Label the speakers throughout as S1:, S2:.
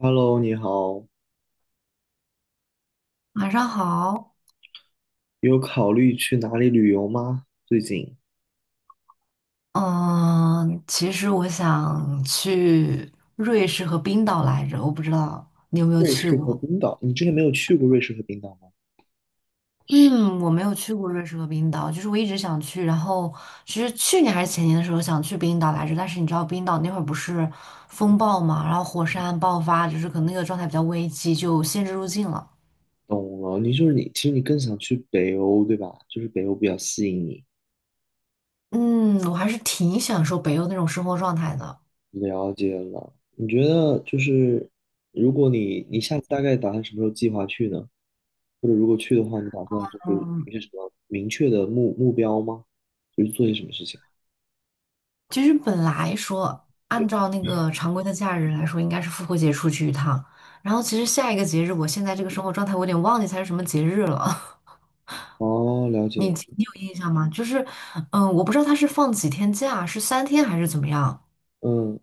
S1: Hello，你好，
S2: 晚上好。
S1: 有考虑去哪里旅游吗？最近
S2: 嗯，其实我想去瑞士和冰岛来着，我不知道你有没有
S1: 瑞
S2: 去
S1: 士和
S2: 过。
S1: 冰岛，你之前没有去过瑞士和冰岛吗？
S2: 嗯，我没有去过瑞士和冰岛，就是我一直想去，然后其实去年还是前年的时候想去冰岛来着，但是你知道冰岛那会儿不是风暴嘛，然后火山爆发，就是可能那个状态比较危机，就限制入境了。
S1: 懂了，你就是你，其实你更想去北欧，对吧？就是北欧比较吸引你。
S2: 嗯，我还是挺享受北欧那种生活状态的。
S1: 了解了，你觉得就是如果你下次大概打算什么时候计划去呢？或者如果去的话，你打算就是
S2: 嗯。
S1: 有些什么明确的目标吗？就是做些什么事情？
S2: 其实本来说，按照那个常规的假日来说，应该是复活节出去一趟。然后其实下一个节日，我现在这个生活状态，我有点忘记它是什么节日了。
S1: 哦，了
S2: 你
S1: 解，
S2: 你有印象吗？就是，我不知道它是放几天假，是三天还是怎么样？
S1: 嗯，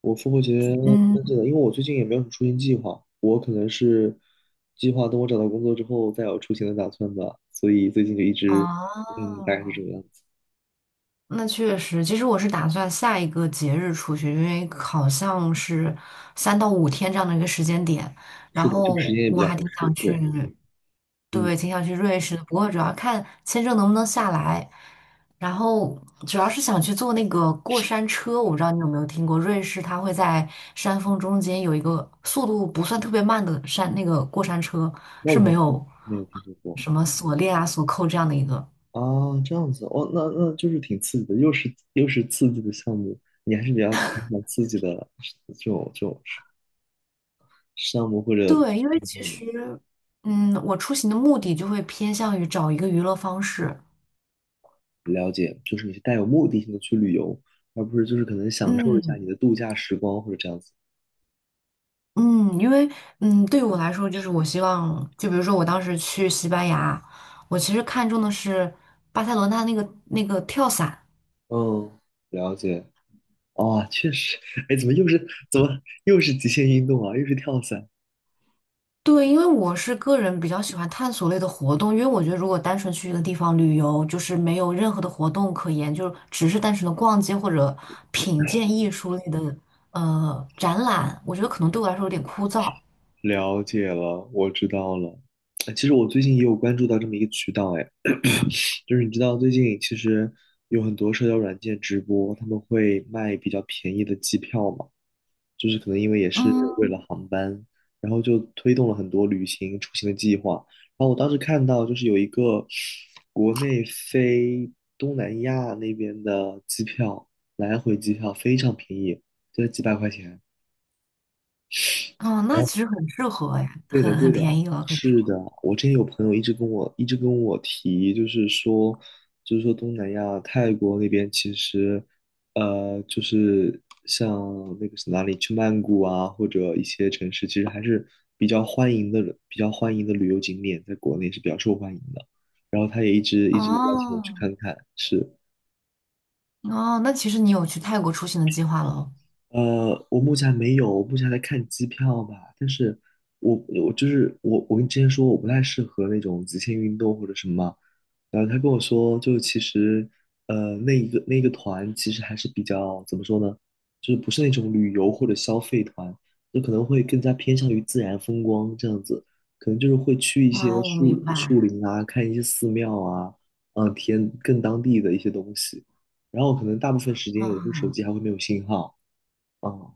S1: 我复活节
S2: 嗯。
S1: 但是的，因为我最近也没有什么出行计划，我可能是计划等我找到工作之后再有出行的打算吧，所以最近就一直，嗯，大
S2: 啊，
S1: 概是这个样子。
S2: 那确实，其实我是打算下一个节日出去，因为好像是三到五天这样的一个时间点，
S1: 是
S2: 然
S1: 的，这个时
S2: 后
S1: 间也比
S2: 我
S1: 较
S2: 还
S1: 合
S2: 挺想
S1: 适。
S2: 去，
S1: 对，嗯，
S2: 对，挺想去瑞士的，不过主要看签证能不能下来，然后主要是想去坐那个过山车，我不知道你有没有听过，瑞士它会在山峰中间有一个速度不算特别慢的山，那个过山车
S1: 那
S2: 是
S1: 我还
S2: 没
S1: 真
S2: 有
S1: 没有听说过
S2: 什么锁链啊、锁扣这样的一个。
S1: 啊，这样子哦，那就是挺刺激的，又是刺激的项目，你还是比较喜欢刺激的这种项目或者
S2: 对，因为
S1: 运
S2: 其
S1: 动的。
S2: 实，我出行的目的就会偏向于找一个娱乐方式。
S1: 了解，就是你是带有目的性的去旅游，而不是就是可能享受一下
S2: 嗯。
S1: 你的度假时光或者这样子。
S2: 嗯，因为嗯，对于我来说，就是我希望，就比如说我当时去西班牙，我其实看中的是巴塞罗那那个跳伞。
S1: 嗯，了解。哦，确实，哎，怎么又是怎么又是极限运动啊？又是跳伞。
S2: 对，因为我是个人比较喜欢探索类的活动，因为我觉得如果单纯去一个地方旅游，就是没有任何的活动可言，就只是单纯的逛街或者品鉴艺术类的展览，我觉得可能对我来说有点枯燥。
S1: 了解了，我知道了。哎，其实我最近也有关注到这么一个渠道。哎，就是你知道最近其实有很多社交软件直播，他们会卖比较便宜的机票嘛。就是可能因为也是为
S2: 嗯。
S1: 了航班，然后就推动了很多旅行出行的计划。然后我当时看到就是有一个国内飞东南亚那边的机票，来回机票非常便宜，就在几百块钱。
S2: 哦，那其实很适合哎，
S1: 对的，
S2: 很
S1: 对的，
S2: 便宜了，可以说。
S1: 是的。我之前有朋友一直跟我提，就是说东南亚泰国那边其实，就是像那个是哪里，去曼谷啊，或者一些城市，其实还是比较欢迎的，比较欢迎的旅游景点，在国内是比较受欢迎的。然后他也一直邀请我去
S2: 哦。
S1: 看看，是。
S2: 哦，那其实你有去泰国出行的计划喽？
S1: 我目前还没有，我目前还在看机票吧。但是我我就是我，我跟你之前说我不太适合那种极限运动或者什么嘛，然后他跟我说，就其实那一个团其实还是比较怎么说呢，就是不是那种旅游或者消费团，就可能会更加偏向于自然风光这样子，可能就是会去一些
S2: 哦，我明
S1: 树树
S2: 白。
S1: 林啊，看一些寺庙啊，嗯、体验更当地的一些东西。然后可能大部分时间有的时候手
S2: 哦。
S1: 机还会没有信号。啊，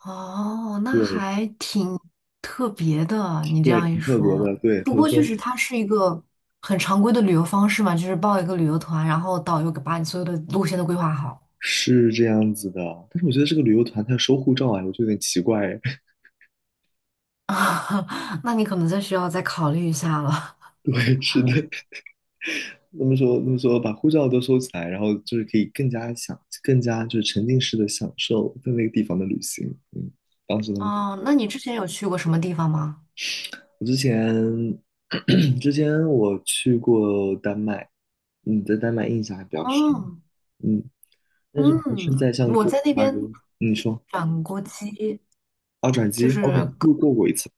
S2: 哦，那
S1: 对，
S2: 还挺特别的，你这
S1: 对，
S2: 样一
S1: 挺特别
S2: 说。
S1: 的。对，
S2: 不
S1: 他们
S2: 过确
S1: 说
S2: 实，它是一个很常规的旅游方式嘛，就是报一个旅游团，然后导游给把你所有的路线都规划好。
S1: 是这样子的，但是我觉得这个旅游团他要收护照啊，我觉得有点奇怪哎。
S2: 那你可能再需要再考虑一下了。
S1: 对，是的，他们说把护照都收起来，然后就是可以更加就是沉浸式的享受在那个地方的旅行。嗯，当时他们就，
S2: 哦，那你之前有去过什么地方吗？
S1: 我之前 之前我去过丹麦，嗯，在丹麦印象还比较深。
S2: 哦。
S1: 嗯，但是不是在
S2: 嗯，
S1: 像
S2: 我
S1: 哥
S2: 在
S1: 本
S2: 那
S1: 哈
S2: 边
S1: 根，嗯你说
S2: 转锅鸡。
S1: 啊，转
S2: 就
S1: 机，OK，
S2: 是跟
S1: 路过过一次。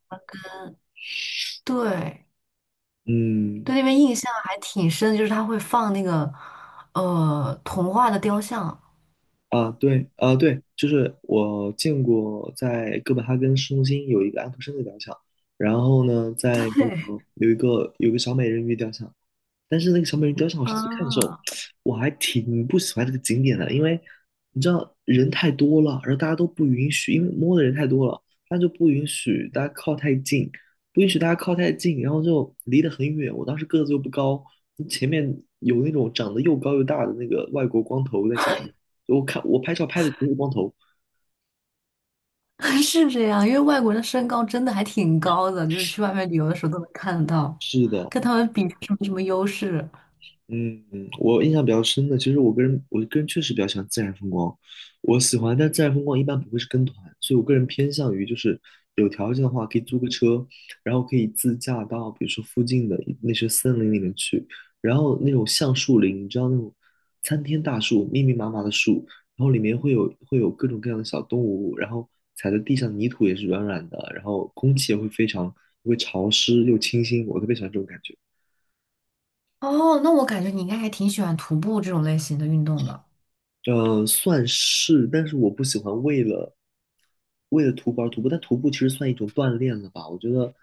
S2: 对。
S1: 嗯，
S2: 对那边印象还挺深，就是他会放那个童话的雕像。
S1: 啊，对，啊，对，就是我见过在哥本哈根市中心有一个安徒生的雕像，然后呢，在那
S2: 对，
S1: 个有一个小美人鱼雕像，但是那个小美人雕像，我上次看的时候，
S2: 啊。
S1: 我还挺不喜欢这个景点的，因为你知道人太多了，然后大家都不允许，因为摸的人太多了，他就不允许大家靠太近，然后就离得很远。我当时个子又不高，前面有那种长得又高又大的那个外国光头在前面，我看我拍照拍的全是光头。
S2: 是这样，因为外国人的身高真的还挺高的，就是去外面旅游的时候都能看得到，
S1: 是的，
S2: 跟他们比是没什么优势。
S1: 嗯，我印象比较深的，其实我个人，我个人确实比较喜欢自然风光，我喜欢，但自然风光一般不会是跟团，所以我个人偏向于就是有条件的话，可以租个车，然后可以自驾到比如说附近的那些森林里面去，然后那种橡树林，你知道那种参天大树，密密麻麻的树，然后里面会有各种各样的小动物，然后踩在地上泥土也是软软的，然后空气也会非常会潮湿又清新，我特别喜欢这种感觉。
S2: 哦，那我感觉你应该还挺喜欢徒步这种类型的运动的。
S1: 算是，但是我不喜欢为了徒步而徒步，但徒步其实算一种锻炼了吧？我觉得，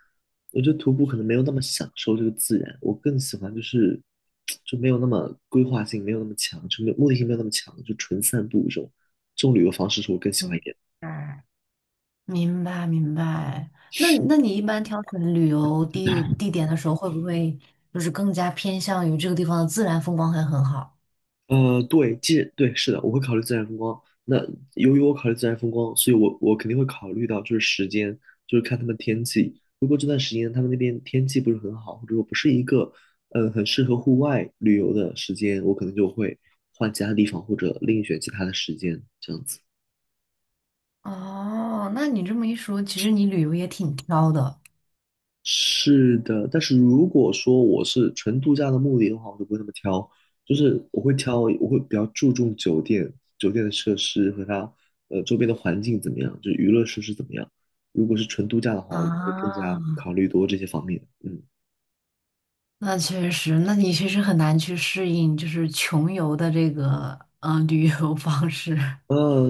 S1: 我觉得徒步可能没有那么享受这个自然，我更喜欢就是就没有那么规划性，没有那么强，就没有目的性没有那么强，就纯散步这种旅游方式是我更喜欢一
S2: 嗯。
S1: 点的。
S2: 哎。明白明白。那你一般挑选旅游地点的时候，会不会就是更加偏向于这个地方的自然风光还很好？
S1: 对，是的，我会考虑自然风光。那由于我考虑自然风光，所以我肯定会考虑到就是时间，就是看他们天气。如果这段时间他们那边天气不是很好，或者说不是一个很适合户外旅游的时间，我可能就会换其他地方或者另选其他的时间，这样子。
S2: 哦，那你这么一说，其实你旅游也挺挑的
S1: 是的，但是如果说我是纯度假的目的的话，我就不会那么挑，我会比较注重酒店，酒店的设施和它周边的环境怎么样，就是娱乐设施怎么样。如果是纯度假的话，我会更
S2: 啊。
S1: 加考虑多这些方面。嗯，
S2: 那确实，那你确实很难去适应，就是穷游的这个旅游方式。
S1: 呃，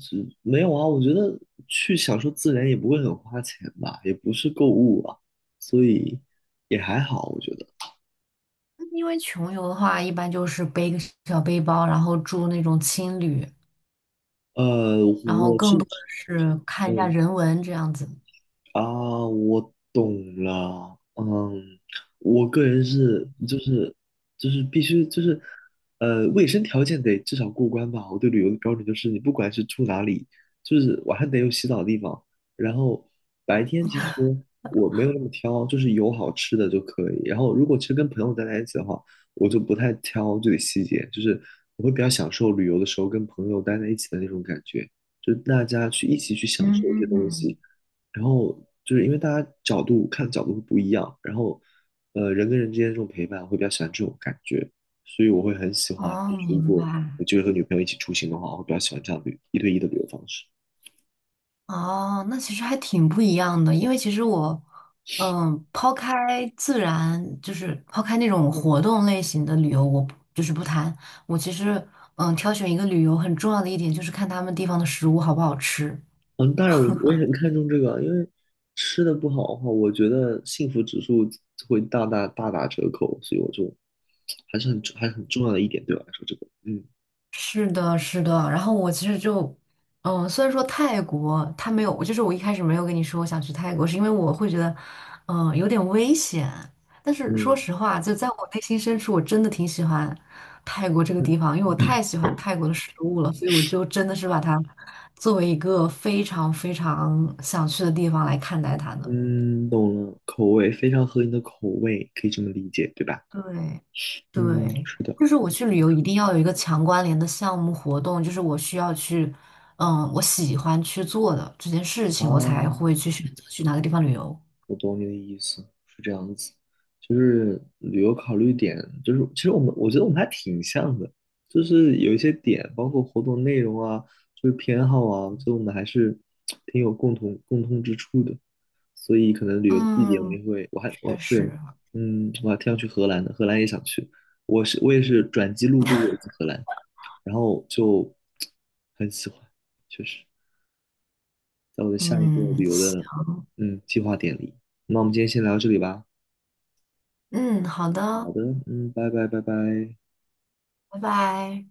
S1: 这没有啊，我觉得去享受自然也不会很花钱吧，也不是购物啊，所以也还好，我觉得。
S2: 因为穷游的话，一般就是背个小背包，然后住那种青旅，然后
S1: 我是，
S2: 更多的是看一下
S1: 嗯。
S2: 人文这样子。
S1: 啊，我懂了。嗯，我个人是就是就是必须就是呃，卫生条件得至少过关吧。我对旅游的标准就是，你不管是住哪里，就是晚上得有洗澡的地方，然后白天其实我没有那么挑，就是有好吃的就可以。然后如果其实跟朋友待在一起的话，我就不太挑这个细节，就是我会比较享受旅游的时候跟朋友待在一起的那种感觉，就是大家去一起去享受一些东
S2: 嗯。
S1: 西。然后就是因为大家角度看角度会不一样，然后人跟人之间这种陪伴，会比较喜欢这种感觉，所以我会很喜欢，
S2: 哦，
S1: 就是如
S2: 明
S1: 果我
S2: 白。
S1: 就是和女朋友一起出行的话，我会比较喜欢这样的一对一的旅游方式。
S2: 哦，那其实还挺不一样的，因为其实我，抛开自然，就是抛开那种活动类型的旅游，我不就是不谈。我其实，挑选一个旅游很重要的一点就是看他们地方的食物好不好吃。
S1: 嗯，当然我也很看重这个，因为吃的不好的话，我觉得幸福指数会大大打折扣，所以我就还是很重要的一点对我来说，这个嗯
S2: 是的，是的。然后我其实就，虽然说泰国它没有，就是我一开始没有跟你说我想去泰国，是因为我会觉得，有点危险。但是说
S1: 嗯
S2: 实话，就在我内心深处，我真的挺喜欢泰国这个
S1: 嗯
S2: 地方，因为我太喜欢泰国的食物了，所以我就真的是把它作为一个非常非常想去的地方来看待它的。
S1: 嗯，懂了，口味非常合你的口味，可以这么理解，对吧？
S2: 对。
S1: 嗯，
S2: 对，
S1: 是的。
S2: 就是我去旅游一定要有一个强关联的项目活动，就是我需要去，我喜欢去做的这件事情，我才
S1: 啊，
S2: 会去选择去哪个地方旅游。
S1: 我懂你的意思，是这样子。旅游考虑点就是，其实我觉得我们还挺像的，就是有一些点，包括活动内容啊，就是偏好啊，我觉得我们还是挺有共通之处的。所以可能旅游地点我们
S2: 嗯，
S1: 也会，我还
S2: 确
S1: 我对，
S2: 实。
S1: 嗯，我还挺想去荷兰的，荷兰也想去。我也是转机路过过一次荷兰，然后就很喜欢，确实。在我的下一个旅
S2: 嗯，
S1: 游
S2: 行
S1: 的嗯计划点里。那我们今天先聊到这里吧。
S2: 嗯，好
S1: 好
S2: 的，
S1: 的，嗯，拜拜。
S2: 拜拜。